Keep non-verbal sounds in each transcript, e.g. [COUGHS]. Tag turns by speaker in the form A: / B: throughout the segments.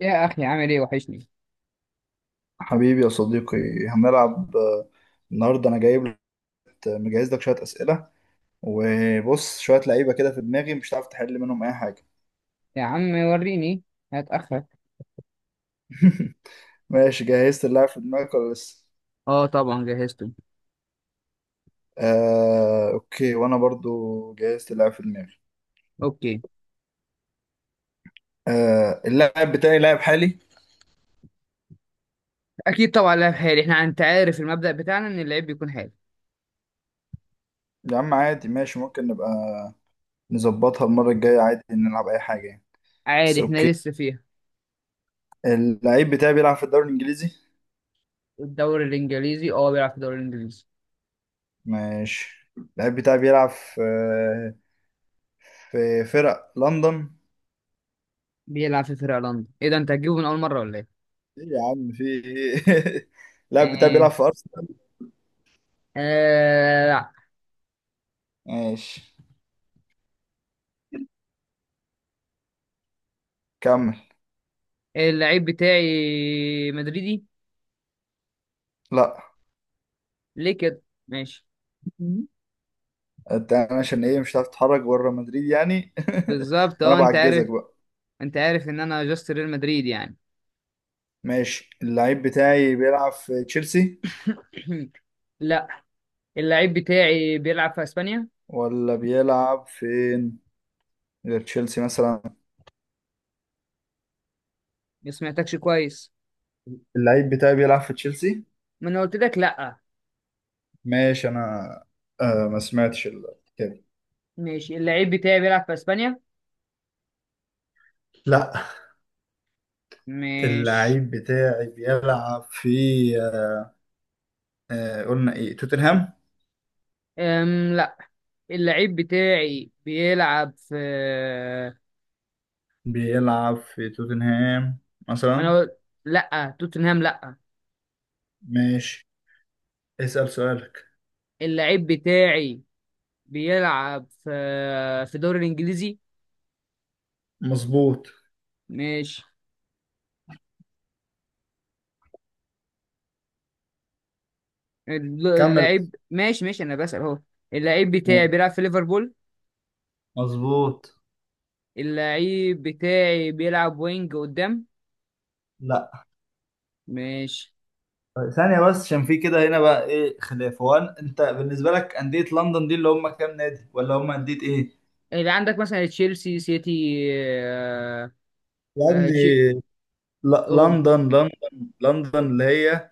A: يا أخي، عامل إيه؟ وحشني.
B: حبيبي يا صديقي، هنلعب. النهارده انا جايب لك، مجهز لك شويه اسئله وبص شويه لعيبه كده في دماغي مش هتعرف تحل منهم اي حاجه.
A: يا عم وريني. هتأخر.
B: [LAUGHS] ماشي، جهزت اللاعب في دماغك ولا لسه؟
A: اه، طبعا جهزته.
B: اوكي، وانا برضو جهزت اللاعب في دماغي.
A: اوكي.
B: اللاعب بتاعي لاعب حالي.
A: اكيد طبعا لعب حالي، احنا انت عارف المبدأ بتاعنا ان اللعيب بيكون حالي.
B: يا عم عادي، ماشي، ممكن نبقى نظبطها المره الجايه، عادي نلعب اي حاجه يعني. بس
A: عادي احنا
B: اوكي.
A: لسه فيها.
B: اللعيب بتاعي بيلعب في الدوري الانجليزي.
A: الدوري الانجليزي، بيلعب في الدوري الانجليزي.
B: ماشي. اللعيب بتاعي بيلعب في فرق لندن.
A: بيلعب في فرقة لندن؟ ايه ده، انت هتجيبه من اول مرة ولا ايه؟
B: ايه يا عم في ايه. [LAUGHS] اللاعب بتاعي بيلعب
A: ايه.
B: في ارسنال.
A: آه لا.
B: ماشي، كمل.
A: اللعيب بتاعي مدريدي.
B: لا.
A: ليه كده؟ ماشي.
B: مم. انت، انا عشان ايه مش هتعرف تتحرك بره مدريد يعني.
A: بالظبط
B: [LAUGHS] فانا
A: اه، انت
B: بعجزك
A: عارف.
B: بقى.
A: انت عارف ان انا جاست ريال مدريد يعني.
B: ماشي. اللعيب بتاعي بيلعب في تشيلسي.
A: [COUGHS] لا. اللعيب بتاعي بيلعب في اسبانيا.
B: ولا بيلعب فين غير تشيلسي مثلا.
A: ما سمعتكش كويس.
B: اللعيب بتاعي بيلعب في تشيلسي.
A: ما انا قلت لك لا.
B: ماشي، انا ما سمعتش كده.
A: ماشي، اللعيب بتاعي بيلعب في اسبانيا.
B: لا.
A: مش.
B: اللعيب بتاعي بيلعب في آه قلنا ايه، توتنهام.
A: لا. اللعيب بتاعي بيلعب في.
B: بيلعب في توتنهام مثلا.
A: انا قلت لا، توتنهام لا.
B: ماشي، اسأل سؤالك.
A: اللعيب بتاعي بيلعب في الدوري الانجليزي.
B: مظبوط.
A: ماشي،
B: كمل.
A: اللعيب ماشي ماشي، انا بسأل اهو. اللعيب بتاعي بيلعب في ليفربول.
B: مظبوط.
A: اللعيب بتاعي بيلعب وينج قدام.
B: لا.
A: ماشي.
B: ثانية بس، عشان في كده هنا بقى ايه خلاف، هو انت بالنسبة لك أندية لندن دي اللي هم كام نادي، ولا هم أندية ايه؟
A: اللي عندك مثلا تشيلسي، سيتي،
B: يا
A: آه تشي...
B: ابني، لا،
A: أوه،
B: لندن لندن. لندن اللي هي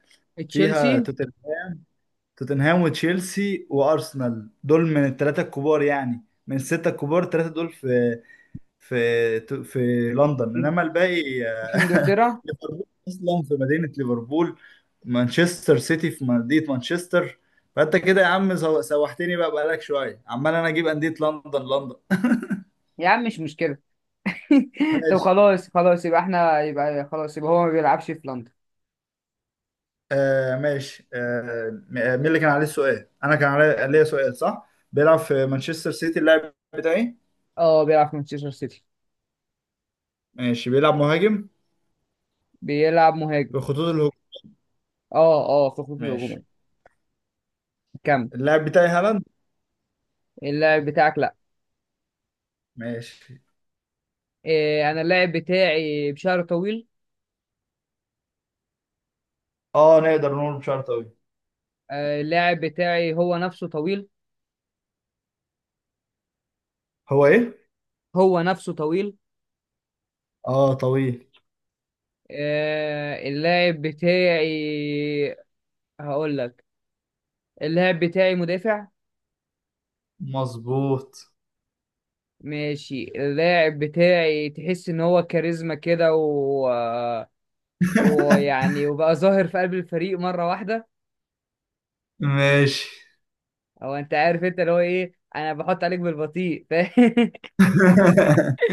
B: فيها
A: تشيلسي.
B: توتنهام وتشيلسي وأرسنال، دول من الثلاثة الكبار يعني، من الستة الكبار الثلاثة دول في لندن، انما الباقي
A: في انجلترا.
B: [LAUGHS] ليفربول اصلا في مدينه ليفربول، مانشستر سيتي في مدينه مانشستر. فانت كده يا عم سوحتني بقى، بقالك شويه عمال انا اجيب انديه لندن لندن.
A: يا عم مش مشكله. [LAUGHS]
B: [LAUGHS]
A: طب
B: ماشي.
A: خلاص خلاص، يبقى احنا يبقى خلاص يبقى هو ما بيلعبش في لندن.
B: ماشي، مين اللي كان عليه السؤال، انا كان علي ليا سؤال صح، بيلعب في مانشستر سيتي اللاعب بتاعي.
A: اه، بيلعب في مانشستر سيتي.
B: ماشي، بيلعب مهاجم
A: بيلعب مهاجم.
B: في خطوط الهجوم.
A: اه اه، في الخطوط
B: ماشي.
A: الهجوميه. كمل.
B: اللاعب بتاعي هالاند.
A: اللاعب بتاعك لا.
B: ماشي.
A: إيه، انا اللاعب بتاعي بشعره طويل.
B: اه، نقدر نقول بشعر طويل.
A: اللاعب بتاعي هو نفسه طويل.
B: هو ايه؟
A: هو نفسه طويل.
B: اه، طويل.
A: اللاعب بتاعي هقول لك. اللاعب بتاعي مدافع.
B: مظبوط.
A: ماشي، اللاعب بتاعي تحس ان هو كاريزما كده و... ويعني وبقى ظاهر في قلب الفريق مرة واحدة.
B: ماشي.
A: او انت عارف، انت اللي هو ايه، انا بحط عليك بالبطيء، [LAUGHS] فاهم؟
B: [LAUGHS]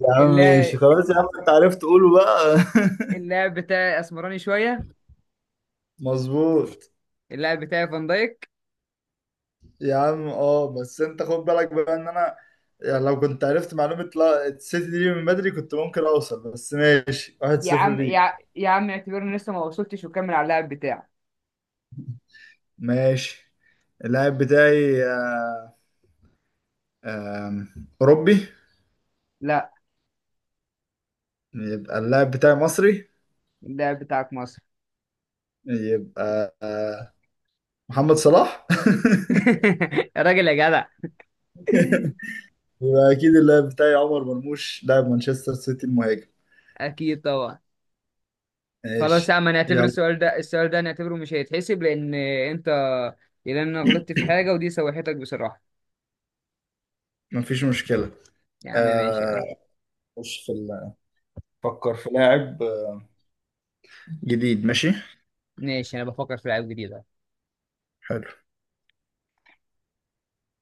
B: يا عم ماشي،
A: اللاعب
B: خلاص يا عم انت عرفت تقوله بقى.
A: اللاعب بتاعي اسمراني شوية.
B: [LAUGHS] مظبوط.
A: اللاعب بتاعي فان دايك.
B: يا عم اه، بس انت خد بالك بقى ان انا يعني، لو كنت عرفت معلومة لا السيتي دي من بدري، كنت ممكن اوصل، بس ماشي، واحد صفر ليك.
A: يا عم اعتبرني لسه ما وصلتش، وكمل على اللاعب بتاعك.
B: ماشي. اللاعب بتاعي آه، آم، اوروبي.
A: لا.
B: يبقى اللاعب بتاعي مصري.
A: اللاعب بتاعك مصر.
B: يبقى محمد صلاح.
A: [LAUGHS] يا راجل يا جدع.
B: [LAUGHS] يبقى اكيد اللاعب بتاعي عمر مرموش، لاعب مانشستر سيتي المهاجم.
A: اكيد طبعا. خلاص يا
B: ماشي.
A: عم، هنعتبر
B: يلا.
A: السؤال ده، السؤال ده هنعتبره مش هيتحسب لان انت... لان انا غلطت في حاجه، ودي سوحتك بصراحه.
B: مفيش مشكلة.
A: يا عم ماشي يا عم.
B: آه، خش في فكر في لاعب جديد. ماشي.
A: ماشي، انا بفكر في لعيب جديد أهو.
B: حلو.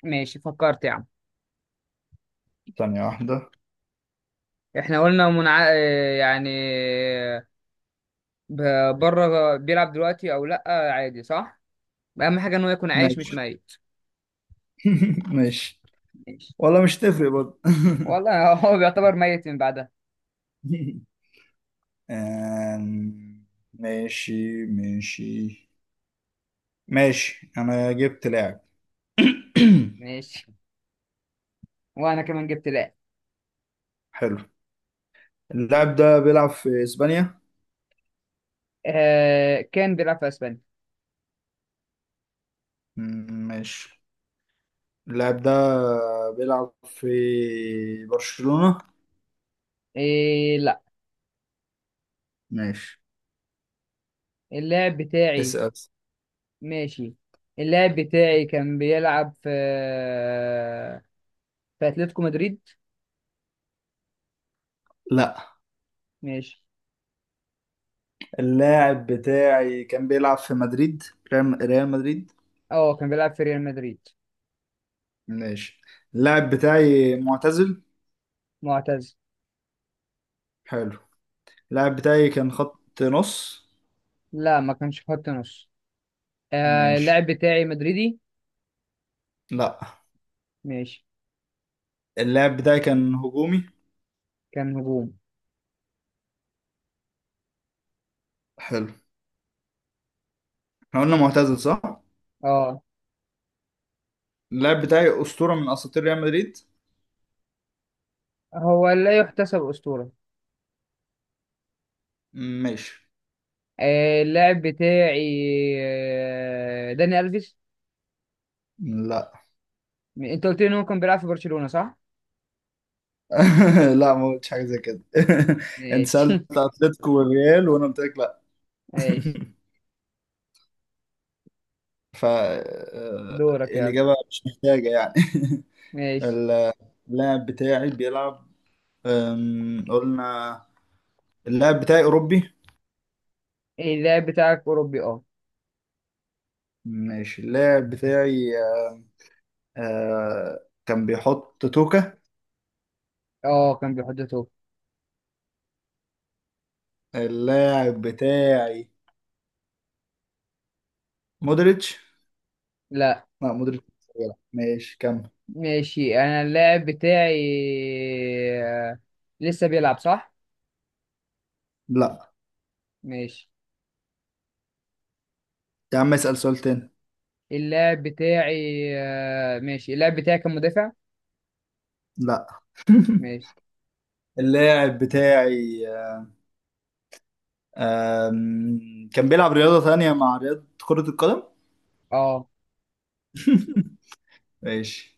A: ماشي فكرت يا عم.
B: ثانية واحدة.
A: احنا قلنا منع... آه، يعني بره بيلعب دلوقتي او لا عادي صح؟ اهم حاجه انه يكون عايش مش
B: ماشي.
A: ميت.
B: [LAUGHS] ماشي.
A: ماشي.
B: ولا مش تفرق برضه.
A: والله، [LAUGHS] هو بيعتبر
B: [LAUGHS]
A: ميت من بعدها.
B: آم، ماشي ماشي ماشي، انا جبت لاعب. [CLEARS THROAT]
A: ماشي، وانا كمان جبت لاعب.
B: حلو. اللاعب ده بيلعب في اسبانيا.
A: كان بيلعب في اسبانيا.
B: ماشي. اللاعب ده بيلعب في برشلونة.
A: إيه لا.
B: ماشي،
A: اللاعب بتاعي.
B: اسأل.
A: ماشي، اللاعب بتاعي كان بيلعب في اتلتيكو مدريد.
B: لا.
A: ماشي.
B: اللاعب بتاعي كان بيلعب في مدريد، ريال مدريد.
A: اه، كان بيلعب في ريال مدريد.
B: ماشي. اللاعب بتاعي معتزل.
A: معتز.
B: حلو. اللاعب بتاعي كان خط نص.
A: لا ما كانش خط نص.
B: ماشي.
A: اللاعب بتاعي مدريدي.
B: لا.
A: ماشي.
B: اللاعب بتاعي كان هجومي.
A: كان هجوم.
B: حلو. احنا قلنا معتزل صح.
A: اه.
B: اللاعب بتاعي أسطورة من أساطير ريال مدريد.
A: هو لا يحتسب أسطورة.
B: ماشي.
A: اللاعب بتاعي داني ألفيس.
B: لا.
A: انت قلت لي ان هو كان بيلعب في برشلونة صح؟
B: [LAUGHS] لا، ما قلتش حاجه زي كده. [LAUGHS] انت
A: ماشي
B: سالت اتلتيكو والريال وانا قلت لك لا.
A: [LAUGHS] ماشي.
B: [LAUGHS] ف
A: دورك يلا.
B: الاجابه مش محتاجه يعني. [LAUGHS]
A: ماشي.
B: اللاعب بتاعي بيلعب، قلنا اللاعب بتاعي أوروبي.
A: إيه، اللاعب بتاعك أوروبي اه.
B: ماشي. اللاعب بتاعي كان بيحط توكا.
A: اه، كان بيحط توب.
B: اللاعب بتاعي مودريتش.
A: لا.
B: لا مودريتش مش بيلعب. ماشي، كمل.
A: ماشي، انا اللاعب بتاعي آه، لسه بيلعب صح؟
B: لا.
A: ماشي.
B: يا عم اسأل سؤال تاني.
A: اللاعب بتاعي ماشي اللاعب بتاعي كان مدافع.
B: لا.
A: ماشي.
B: اللاعب بتاعي كان بيلعب رياضة تانية مع رياضة كرة القدم.
A: اه
B: ماشي.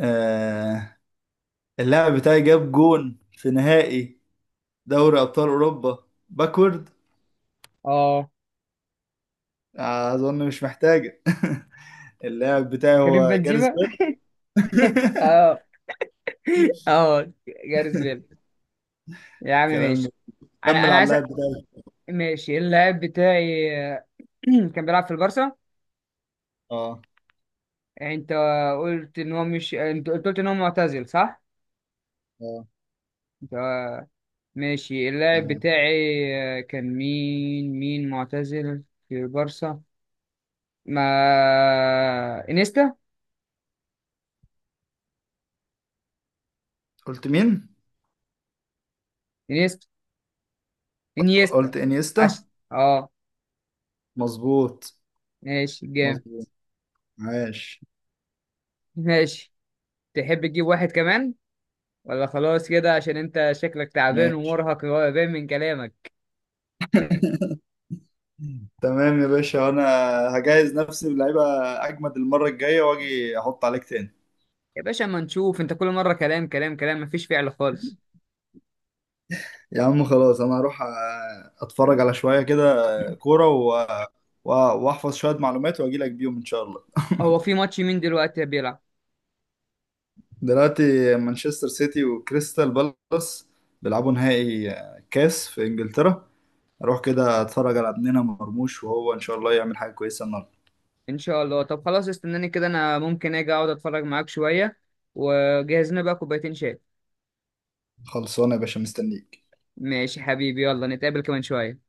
B: آه، اللاعب بتاعي جاب جون في نهائي دوري أبطال أوروبا، باكورد.
A: اه.
B: أظن مش محتاجة. [LAUGHS] اللاعب بتاعي
A: كريم
B: هو جاريث
A: بنزيما.
B: بيل.
A: [LAUGHS]
B: [LAUGHS]
A: اه اه. جاريث بيل. يا عم
B: كلام جميل.
A: ماشي. انا
B: كمل
A: انا
B: على
A: عايز
B: اللاعب بتاعي.
A: ماشي اللاعب بتاعي [CLEARS THROAT] كان بيلعب في البارسا.
B: اه،
A: انت قلت ان هو مش، انت قلت ان هو معتزل صح؟
B: اه.
A: ده. ماشي، اللاعب
B: تمام.
A: بتاعي كان مين معتزل في البارسا؟ ما انيستا،
B: قلت مين؟
A: انيستا، انيستا.
B: قلت انيستا.
A: عشان اه.
B: مظبوط.
A: ماشي جامد.
B: مظبوط. ماشي.
A: [LAUGHS] ماشي. تحب تجيب واحد كمان ولا خلاص كده؟ عشان انت شكلك تعبان
B: ماشي.
A: ومرهق، وهو باين من كلامك.
B: [LAUGHS] تمام يا باشا. وانا هجهز نفسي بلعيبه، اجمد المره الجايه واجي احط عليك تاني.
A: يا باشا، اما نشوف، انت كل مرة كلام كلام كلام، مفيش فعل خالص.
B: يا عم خلاص، انا هروح اتفرج على شويه كده، كوره واحفظ شويه معلومات واجي لك بيهم ان شاء الله.
A: هو في ماتش مين دلوقتي بيلعب؟
B: دلوقتي مانشستر سيتي وكريستال بالاس بيلعبوا نهائي كاس في انجلترا. اروح كده اتفرج على ابننا مرموش، وهو ان شاء الله يعمل حاجه كويسه النهارده.
A: ان شاء الله. طب خلاص، استناني كده، انا ممكن اجي اقعد اتفرج معاك شوية، وجهز لنا بقى كوبايتين شاي.
B: خلصانه يا باشا، مستنيك.
A: ماشي حبيبي، يلا نتقابل كمان شوية.